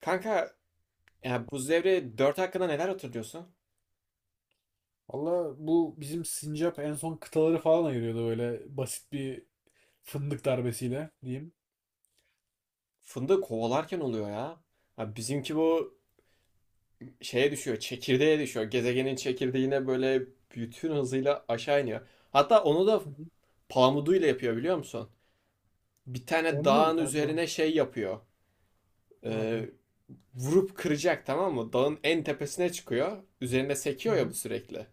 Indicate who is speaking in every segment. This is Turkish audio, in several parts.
Speaker 1: Kanka, ya Buz Devri 4 hakkında neler hatırlıyorsun?
Speaker 2: Valla bu bizim sincap en son kıtaları falan ayırıyordu böyle basit bir fındık darbesiyle diyeyim.
Speaker 1: Fındığı kovalarken oluyor ya. Ya bizimki bu şeye düşüyor, çekirdeğe düşüyor. Gezegenin çekirdeğine böyle bütün hızıyla aşağı iniyor. Hatta onu da
Speaker 2: Hı hı.
Speaker 1: pamuduyla yapıyor biliyor musun? Bir tane
Speaker 2: Onunla mı?
Speaker 1: dağın
Speaker 2: Erdoğan
Speaker 1: üzerine şey yapıyor.
Speaker 2: ne
Speaker 1: Ee,
Speaker 2: yapıyor?
Speaker 1: Vurup kıracak, tamam mı? Dağın en tepesine çıkıyor. Üzerinde
Speaker 2: Hı
Speaker 1: sekiyor ya
Speaker 2: hı.
Speaker 1: bu sürekli.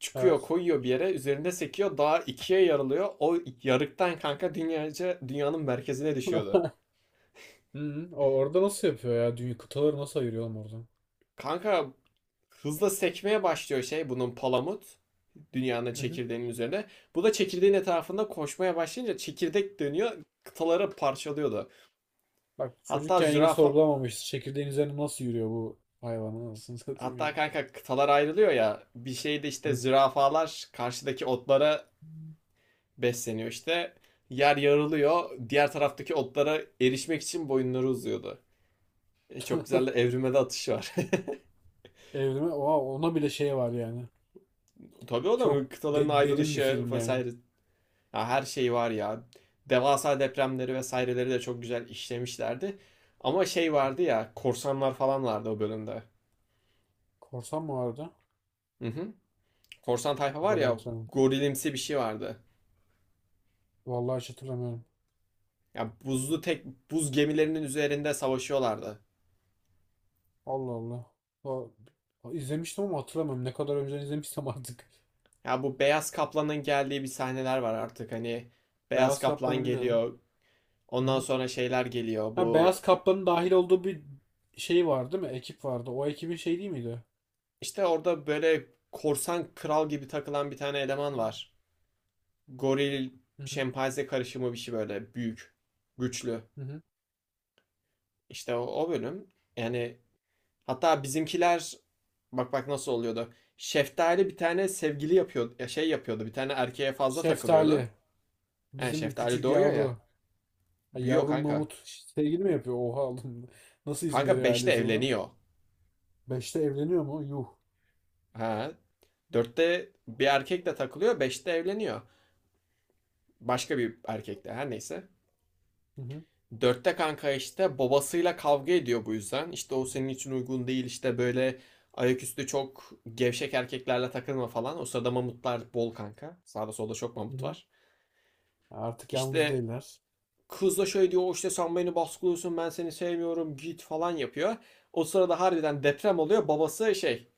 Speaker 1: Çıkıyor,
Speaker 2: Evet.
Speaker 1: koyuyor bir yere, üzerinde sekiyor, dağ ikiye yarılıyor. O yarıktan kanka dünyanın merkezine düşüyordu.
Speaker 2: Hı hı. Orada nasıl yapıyor ya? Dünya kıtaları nasıl ayırıyor oğlum oradan?
Speaker 1: Kanka, hızla sekmeye başlıyor şey bunun palamut. Dünyanın
Speaker 2: Hı hı.
Speaker 1: çekirdeğinin üzerine. Bu da çekirdeğin etrafında koşmaya başlayınca çekirdek dönüyor. Kıtaları parçalıyordu.
Speaker 2: Bak
Speaker 1: Hatta
Speaker 2: çocukken yine
Speaker 1: zürafa
Speaker 2: sorgulamamışız. Çekirdeğin üzerine nasıl yürüyor bu hayvan anasını satayım
Speaker 1: hatta
Speaker 2: ya.
Speaker 1: kanka kıtalar ayrılıyor ya. Bir şeyde işte
Speaker 2: Hı.
Speaker 1: zürafalar karşıdaki otlara besleniyor işte. Yer yarılıyor. Diğer taraftaki otlara erişmek için boyunları uzuyordu. Çok güzel, de evrime de atışı var.
Speaker 2: Evrime oha, ona bile şey var yani.
Speaker 1: Tabii o da
Speaker 2: Çok
Speaker 1: mı, kıtaların
Speaker 2: derin bir
Speaker 1: ayrılışı
Speaker 2: film yani.
Speaker 1: vesaire. Ya her şey var ya. Devasa depremleri vesaireleri de çok güzel işlemişlerdi. Ama şey vardı ya, korsanlar falan vardı o bölümde.
Speaker 2: Korsan mı vardı?
Speaker 1: Hı hı. Korsan tayfa
Speaker 2: O
Speaker 1: var
Speaker 2: kadar
Speaker 1: ya,
Speaker 2: hatırlamıyorum.
Speaker 1: gorilimsi bir şey vardı.
Speaker 2: Vallahi hiç hatırlamıyorum.
Speaker 1: Ya buz gemilerinin üzerinde savaşıyorlardı.
Speaker 2: Allah Allah. O, izlemiştim ama hatırlamıyorum. Ne kadar önceden izlemişsem artık.
Speaker 1: Ya bu beyaz kaplanın geldiği bir sahneler var artık, hani beyaz
Speaker 2: Beyaz
Speaker 1: kaplan
Speaker 2: Kaplan'ı biliyorum.
Speaker 1: geliyor.
Speaker 2: Hı
Speaker 1: Ondan
Speaker 2: hı.
Speaker 1: sonra şeyler geliyor.
Speaker 2: Ha,
Speaker 1: Bu
Speaker 2: Beyaz Kaplan'ın dahil olduğu bir şey var değil mi? Ekip vardı. O ekibin şey değil miydi?
Speaker 1: işte orada böyle korsan kral gibi takılan bir tane eleman var. Goril
Speaker 2: Hı hı.
Speaker 1: şempanze karışımı bir şey, böyle büyük, güçlü.
Speaker 2: Hı hı.
Speaker 1: İşte o bölüm. Yani hatta bizimkiler, bak bak nasıl oluyordu. Şeftali bir tane sevgili yapıyordu, ya şey yapıyordu. Bir tane erkeğe fazla
Speaker 2: Şeftali.
Speaker 1: takılıyordu. Yani
Speaker 2: Bizim
Speaker 1: şeftali
Speaker 2: küçük
Speaker 1: doğuyor ya.
Speaker 2: yavru. Ha,
Speaker 1: Büyüyor
Speaker 2: yavrum
Speaker 1: kanka.
Speaker 2: Mahmut sevgili mi yapıyor? Oha oğlum. Nasıl izin
Speaker 1: Kanka
Speaker 2: veriyor
Speaker 1: beşte
Speaker 2: ailesi buna?
Speaker 1: evleniyor.
Speaker 2: Beşte evleniyor mu? Yuh.
Speaker 1: Ha. Dörtte bir erkekle takılıyor, beşte evleniyor. Başka bir erkekle, her neyse.
Speaker 2: Hı hı.
Speaker 1: Dörtte kanka işte babasıyla kavga ediyor bu yüzden. İşte o senin için uygun değil, işte böyle ayaküstü çok gevşek erkeklerle takılma falan. O sırada mamutlar bol kanka. Sağda solda çok
Speaker 2: Hı
Speaker 1: mamut
Speaker 2: hı.
Speaker 1: var.
Speaker 2: Artık yalnız
Speaker 1: İşte
Speaker 2: değiller.
Speaker 1: kız da şöyle diyor, "O işte sen beni baskılıyorsun, ben seni sevmiyorum, git" falan yapıyor. O sırada harbiden deprem oluyor. Babası şey,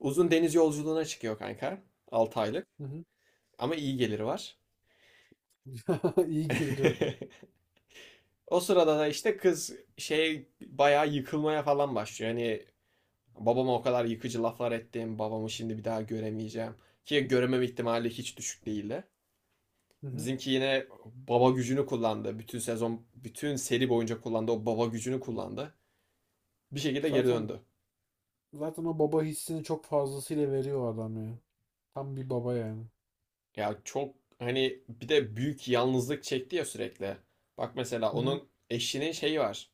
Speaker 1: uzun deniz yolculuğuna çıkıyor kanka. 6 aylık.
Speaker 2: Hı hı.
Speaker 1: Ama iyi geliri var.
Speaker 2: İyi gelir o.
Speaker 1: O sırada da işte kız şey bayağı yıkılmaya falan başlıyor. Yani, babama o kadar yıkıcı laflar ettim, babamı şimdi bir daha göremeyeceğim. Ki göremem ihtimali hiç düşük değildi.
Speaker 2: Hı hı.
Speaker 1: Bizimki yine baba gücünü kullandı. Bütün sezon, bütün seri boyunca kullandı. O baba gücünü kullandı. Bir şekilde geri
Speaker 2: Zaten
Speaker 1: döndü.
Speaker 2: zaten o baba hissini çok fazlasıyla veriyor adam ya. Tam bir baba yani.
Speaker 1: Ya çok, hani bir de büyük yalnızlık çekti ya sürekli. Bak mesela
Speaker 2: Hı hı.
Speaker 1: onun eşinin şeyi var.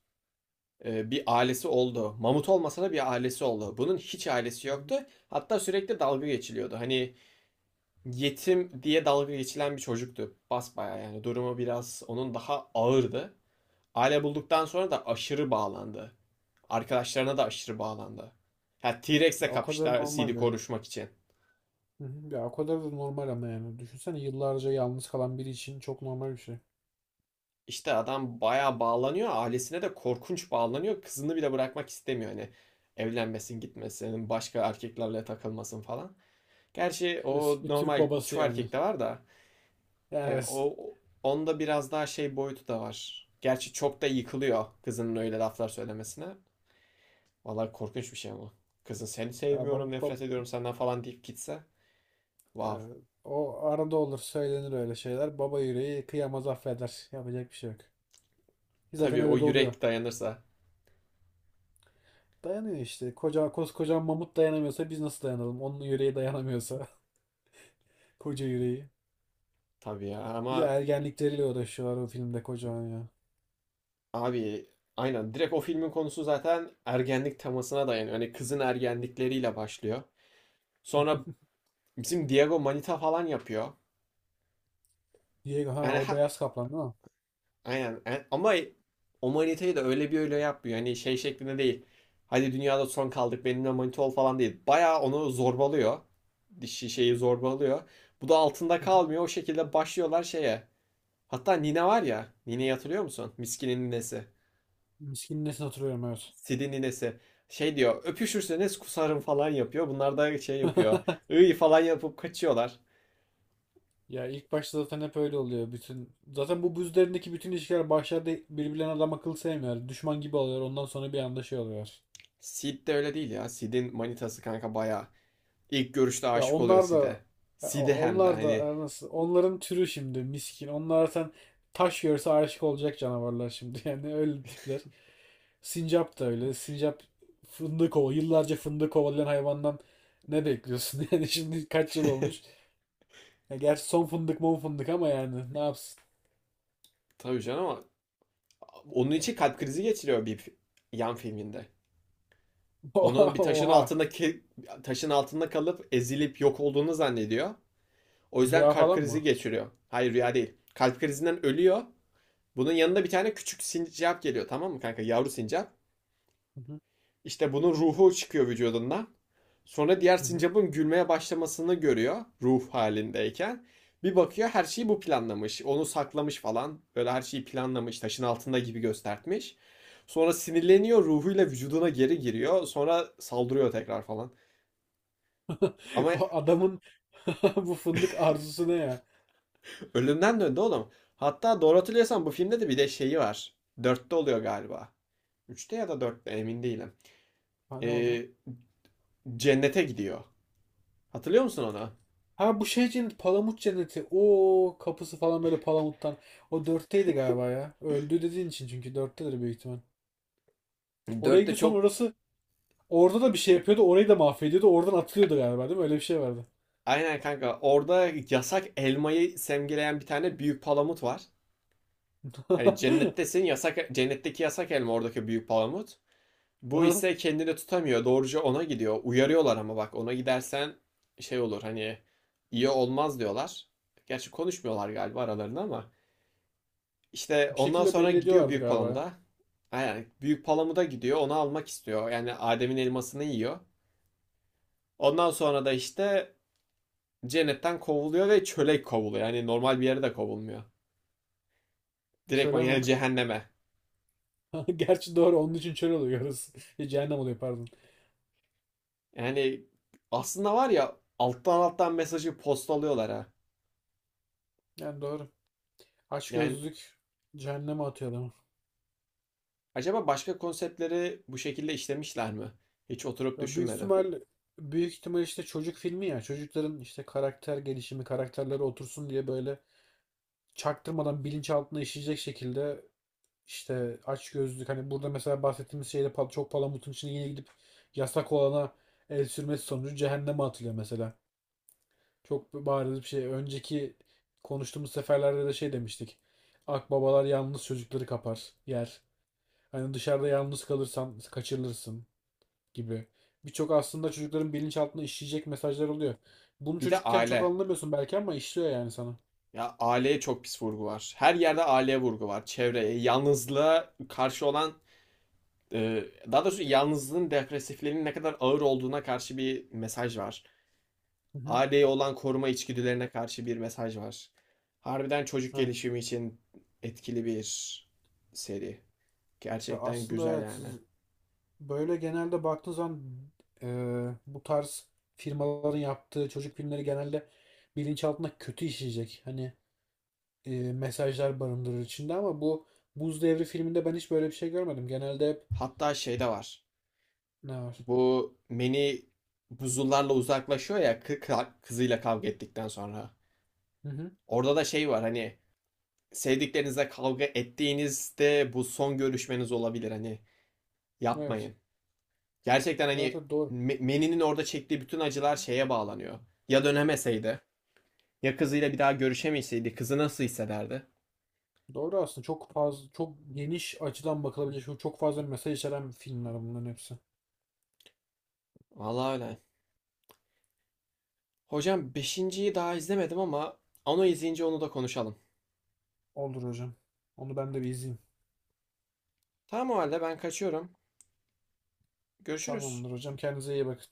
Speaker 1: Bir ailesi oldu. Mamut olmasa da bir ailesi oldu. Bunun hiç ailesi
Speaker 2: Hı hı.
Speaker 1: yoktu. Hatta sürekli dalga geçiliyordu. Hani yetim diye dalga geçilen bir çocuktu. Basbayağı yani durumu biraz onun daha ağırdı. Aile bulduktan sonra da aşırı bağlandı. Arkadaşlarına da aşırı bağlandı. Ha, T-Rex'le
Speaker 2: Ya, o kadar
Speaker 1: kapıştılar CD
Speaker 2: normal ya.
Speaker 1: konuşmak için.
Speaker 2: Hı hı. Ya o kadar da normal ama yani. Düşünsene yıllarca yalnız kalan biri için çok normal bir şey.
Speaker 1: İşte adam bayağı bağlanıyor. Ailesine de korkunç bağlanıyor. Kızını bile bırakmak istemiyor. Hani evlenmesin, gitmesin, başka erkeklerle takılmasın falan. Gerçi
Speaker 2: Klasik
Speaker 1: o
Speaker 2: bir Türk
Speaker 1: normal,
Speaker 2: babası
Speaker 1: çoğu
Speaker 2: yani.
Speaker 1: erkekte var da
Speaker 2: Evet.
Speaker 1: o onda biraz daha şey boyutu da var. Gerçi çok da yıkılıyor kızının öyle laflar söylemesine. Vallahi korkunç bir şey ama. Kızın "seni
Speaker 2: Ya, bab,
Speaker 1: sevmiyorum,
Speaker 2: bab-
Speaker 1: nefret ediyorum senden" falan deyip gitse. Vav.
Speaker 2: ya, o arada olur söylenir öyle şeyler. Baba yüreği kıyamaz affeder. Yapacak bir şey yok. Ki zaten
Speaker 1: Tabii o
Speaker 2: öyle de oluyor.
Speaker 1: yürek dayanırsa.
Speaker 2: Dayanıyor işte. Koskoca mamut dayanamıyorsa biz nasıl dayanalım? Onun yüreği dayanamıyorsa. Koca yüreği.
Speaker 1: Tabii ya
Speaker 2: Bir de
Speaker 1: ama
Speaker 2: ergenlikleriyle uğraşıyorlar o filmde kocaman ya.
Speaker 1: abi, aynen, direkt o filmin konusu zaten ergenlik temasına dayanıyor. Hani kızın ergenlikleriyle başlıyor. Sonra bizim Diego Manita falan yapıyor.
Speaker 2: Diego, ha,
Speaker 1: Yani
Speaker 2: o beyaz kaplan değil mi?
Speaker 1: aynen. Ama o manitayı da öyle bir öyle yapmıyor. Hani şey şeklinde değil. "Hadi dünyada son kaldık, benimle manita ol" falan değil. Bayağı onu zorbalıyor. Dişi şeyi zorbalıyor. Bu da altında
Speaker 2: Hı hı.
Speaker 1: kalmıyor. O şekilde başlıyorlar şeye. Hatta Nine var ya. Nine'yi hatırlıyor musun? Miskin'in ninesi.
Speaker 2: Miskinin nesine oturuyorum, evet.
Speaker 1: Sid'in ninesi. Şey diyor, "öpüşürseniz kusarım" falan yapıyor. Bunlar da şey yapıyor, Iy falan yapıp kaçıyorlar.
Speaker 2: Ya ilk başta zaten hep öyle oluyor. Bütün zaten bu buz üzerindeki bütün ilişkiler başlarda birbirlerine adam akıl sevmiyor. Düşman gibi oluyor. Ondan sonra bir anda şey oluyor.
Speaker 1: Sid de öyle değil ya. Sid'in manitası kanka bayağı. İlk görüşte
Speaker 2: Ya
Speaker 1: aşık oluyor
Speaker 2: onlar
Speaker 1: Sid'e.
Speaker 2: da ya
Speaker 1: Sid'e, hem de
Speaker 2: onlar da
Speaker 1: hani.
Speaker 2: nasıl onların türü şimdi miskin. Onlar zaten taş görse aşık olacak canavarlar şimdi. Yani öyle tipler. Sincap da öyle. Sincap fındık kova. Yıllarca fındık kovalayan hayvandan ne bekliyorsun? Yani şimdi kaç yıl olmuş? Ya gerçi son fındık mon fındık ama yani ne yapsın?
Speaker 1: Tabii canım ama onun için kalp krizi geçiriyor bir yan filminde. Onun bir
Speaker 2: Oha.
Speaker 1: taşın altında kalıp ezilip yok olduğunu zannediyor. O yüzden
Speaker 2: Rüya
Speaker 1: kalp
Speaker 2: falan
Speaker 1: krizi
Speaker 2: mı?
Speaker 1: geçiriyor. Hayır, rüya değil. Kalp krizinden ölüyor. Bunun yanında bir tane küçük sincap geliyor, tamam mı kanka? Yavru sincap. İşte bunun ruhu çıkıyor vücudundan. Sonra diğer
Speaker 2: Hı hı.
Speaker 1: sincapın gülmeye başlamasını görüyor ruh halindeyken. Bir bakıyor, her şeyi bu planlamış. Onu saklamış falan. Böyle her şeyi planlamış. Taşın altında gibi göstertmiş. Sonra sinirleniyor, ruhuyla vücuduna geri giriyor. Sonra saldırıyor tekrar falan. Ama
Speaker 2: Bu adamın bu fındık arzusu ne ya?
Speaker 1: ölümden döndü oğlum. Hatta doğru hatırlıyorsam, bu filmde de bir de şeyi var. Dörtte oluyor galiba. Üçte ya da dörtte emin değilim.
Speaker 2: Ha, ne oluyor?
Speaker 1: Ee, cennete gidiyor. Hatırlıyor musun onu?
Speaker 2: Ha, bu şey cennet, palamut cenneti. O kapısı falan böyle palamuttan. O dörtteydi galiba ya. Öldü dediğin için çünkü dörttedir büyük ihtimal. Oraya
Speaker 1: Dörtte
Speaker 2: gidiyor sonra
Speaker 1: çok.
Speaker 2: orası orada da bir şey yapıyordu. Orayı da mahvediyordu. Oradan atılıyordu galiba değil mi? Öyle bir şey vardı.
Speaker 1: Aynen kanka. Orada yasak elmayı simgeleyen bir tane büyük palamut var. Hani cennettesin, yasak cennetteki yasak elma oradaki büyük palamut. Bu
Speaker 2: Aha.
Speaker 1: ise kendini tutamıyor. Doğruca ona gidiyor. Uyarıyorlar, ama bak ona gidersen şey olur, hani iyi olmaz diyorlar. Gerçi konuşmuyorlar galiba aralarında ama. İşte
Speaker 2: Bir
Speaker 1: ondan
Speaker 2: şekilde
Speaker 1: sonra
Speaker 2: belli
Speaker 1: gidiyor
Speaker 2: ediyorlardı
Speaker 1: büyük
Speaker 2: galiba ya.
Speaker 1: palamuda. Aynen, büyük palamuda gidiyor, onu almak istiyor. Yani Adem'in elmasını yiyor. Ondan sonra da işte cennetten kovuluyor ve çöle kovuluyor. Yani normal bir yere de kovulmuyor. Direktman
Speaker 2: Çöle
Speaker 1: yani
Speaker 2: mi?
Speaker 1: cehenneme.
Speaker 2: Gerçi doğru, onun için çöl oluyor orası. Cehennem oluyor pardon.
Speaker 1: Yani aslında var ya, alttan alttan mesajı postalıyorlar ha.
Speaker 2: Yani doğru.
Speaker 1: Yani
Speaker 2: Açgözlülük cehenneme atıyor.
Speaker 1: acaba başka konseptleri bu şekilde işlemişler mi? Hiç oturup
Speaker 2: Ya büyük
Speaker 1: düşünmedim.
Speaker 2: ihtimal büyük ihtimal işte çocuk filmi ya. Çocukların işte karakter gelişimi, karakterleri otursun diye böyle çaktırmadan bilinçaltına işleyecek şekilde işte açgözlülük, hani burada mesela bahsettiğimiz şeyde çok palamutun içine yine gidip yasak olana el sürmesi sonucu cehenneme atılıyor mesela. Çok bariz bir şey. Önceki konuştuğumuz seferlerde de şey demiştik. Akbabalar yalnız çocukları kapar, yer. Hani dışarıda yalnız kalırsan kaçırılırsın gibi. Birçok aslında çocukların bilinçaltına işleyecek mesajlar oluyor. Bunu
Speaker 1: Bir de
Speaker 2: çocukken çok
Speaker 1: aile.
Speaker 2: anlamıyorsun belki ama işliyor yani sana.
Speaker 1: Ya aileye çok pis vurgu var. Her yerde aileye vurgu var. Çevreye, yalnızlığa karşı olan, Ee, daha doğrusu yalnızlığın, depresiflerin ne kadar ağır olduğuna karşı bir mesaj var.
Speaker 2: Hı hı.
Speaker 1: Aileye olan koruma içgüdülerine karşı bir mesaj var. Harbiden çocuk
Speaker 2: Evet.
Speaker 1: gelişimi için etkili bir seri.
Speaker 2: Ya
Speaker 1: Gerçekten
Speaker 2: aslında
Speaker 1: güzel
Speaker 2: evet,
Speaker 1: yani.
Speaker 2: böyle genelde baktığın zaman e, bu tarz firmaların yaptığı çocuk filmleri genelde bilinçaltına kötü işleyecek. Hani mesajlar barındırır içinde ama bu Buz Devri filminde ben hiç böyle bir şey görmedim. Genelde hep
Speaker 1: Hatta şey de var.
Speaker 2: ne var?
Speaker 1: Bu Manny buzullarla uzaklaşıyor ya, kızıyla kavga ettikten sonra.
Speaker 2: Hı hı.
Speaker 1: Orada da şey var, hani sevdiklerinizle kavga ettiğinizde bu son görüşmeniz olabilir. Hani
Speaker 2: Evet.
Speaker 1: yapmayın. Gerçekten
Speaker 2: Evet,
Speaker 1: hani,
Speaker 2: evet doğru.
Speaker 1: Manny'nin orada çektiği bütün acılar şeye bağlanıyor. Ya dönemeseydi, ya kızıyla bir daha görüşemeseydi, kızı nasıl hissederdi?
Speaker 2: Doğru, aslında çok fazla, çok geniş açıdan bakılabilecek çok fazla mesaj içeren filmler bunların hepsi.
Speaker 1: Vallahi öyle. Hocam, beşinciyi daha izlemedim, ama onu izleyince onu da konuşalım.
Speaker 2: Olur hocam. Onu ben de bir izleyeyim.
Speaker 1: Tamam, o halde ben kaçıyorum. Görüşürüz.
Speaker 2: Tamamdır hocam. Kendinize iyi bakın.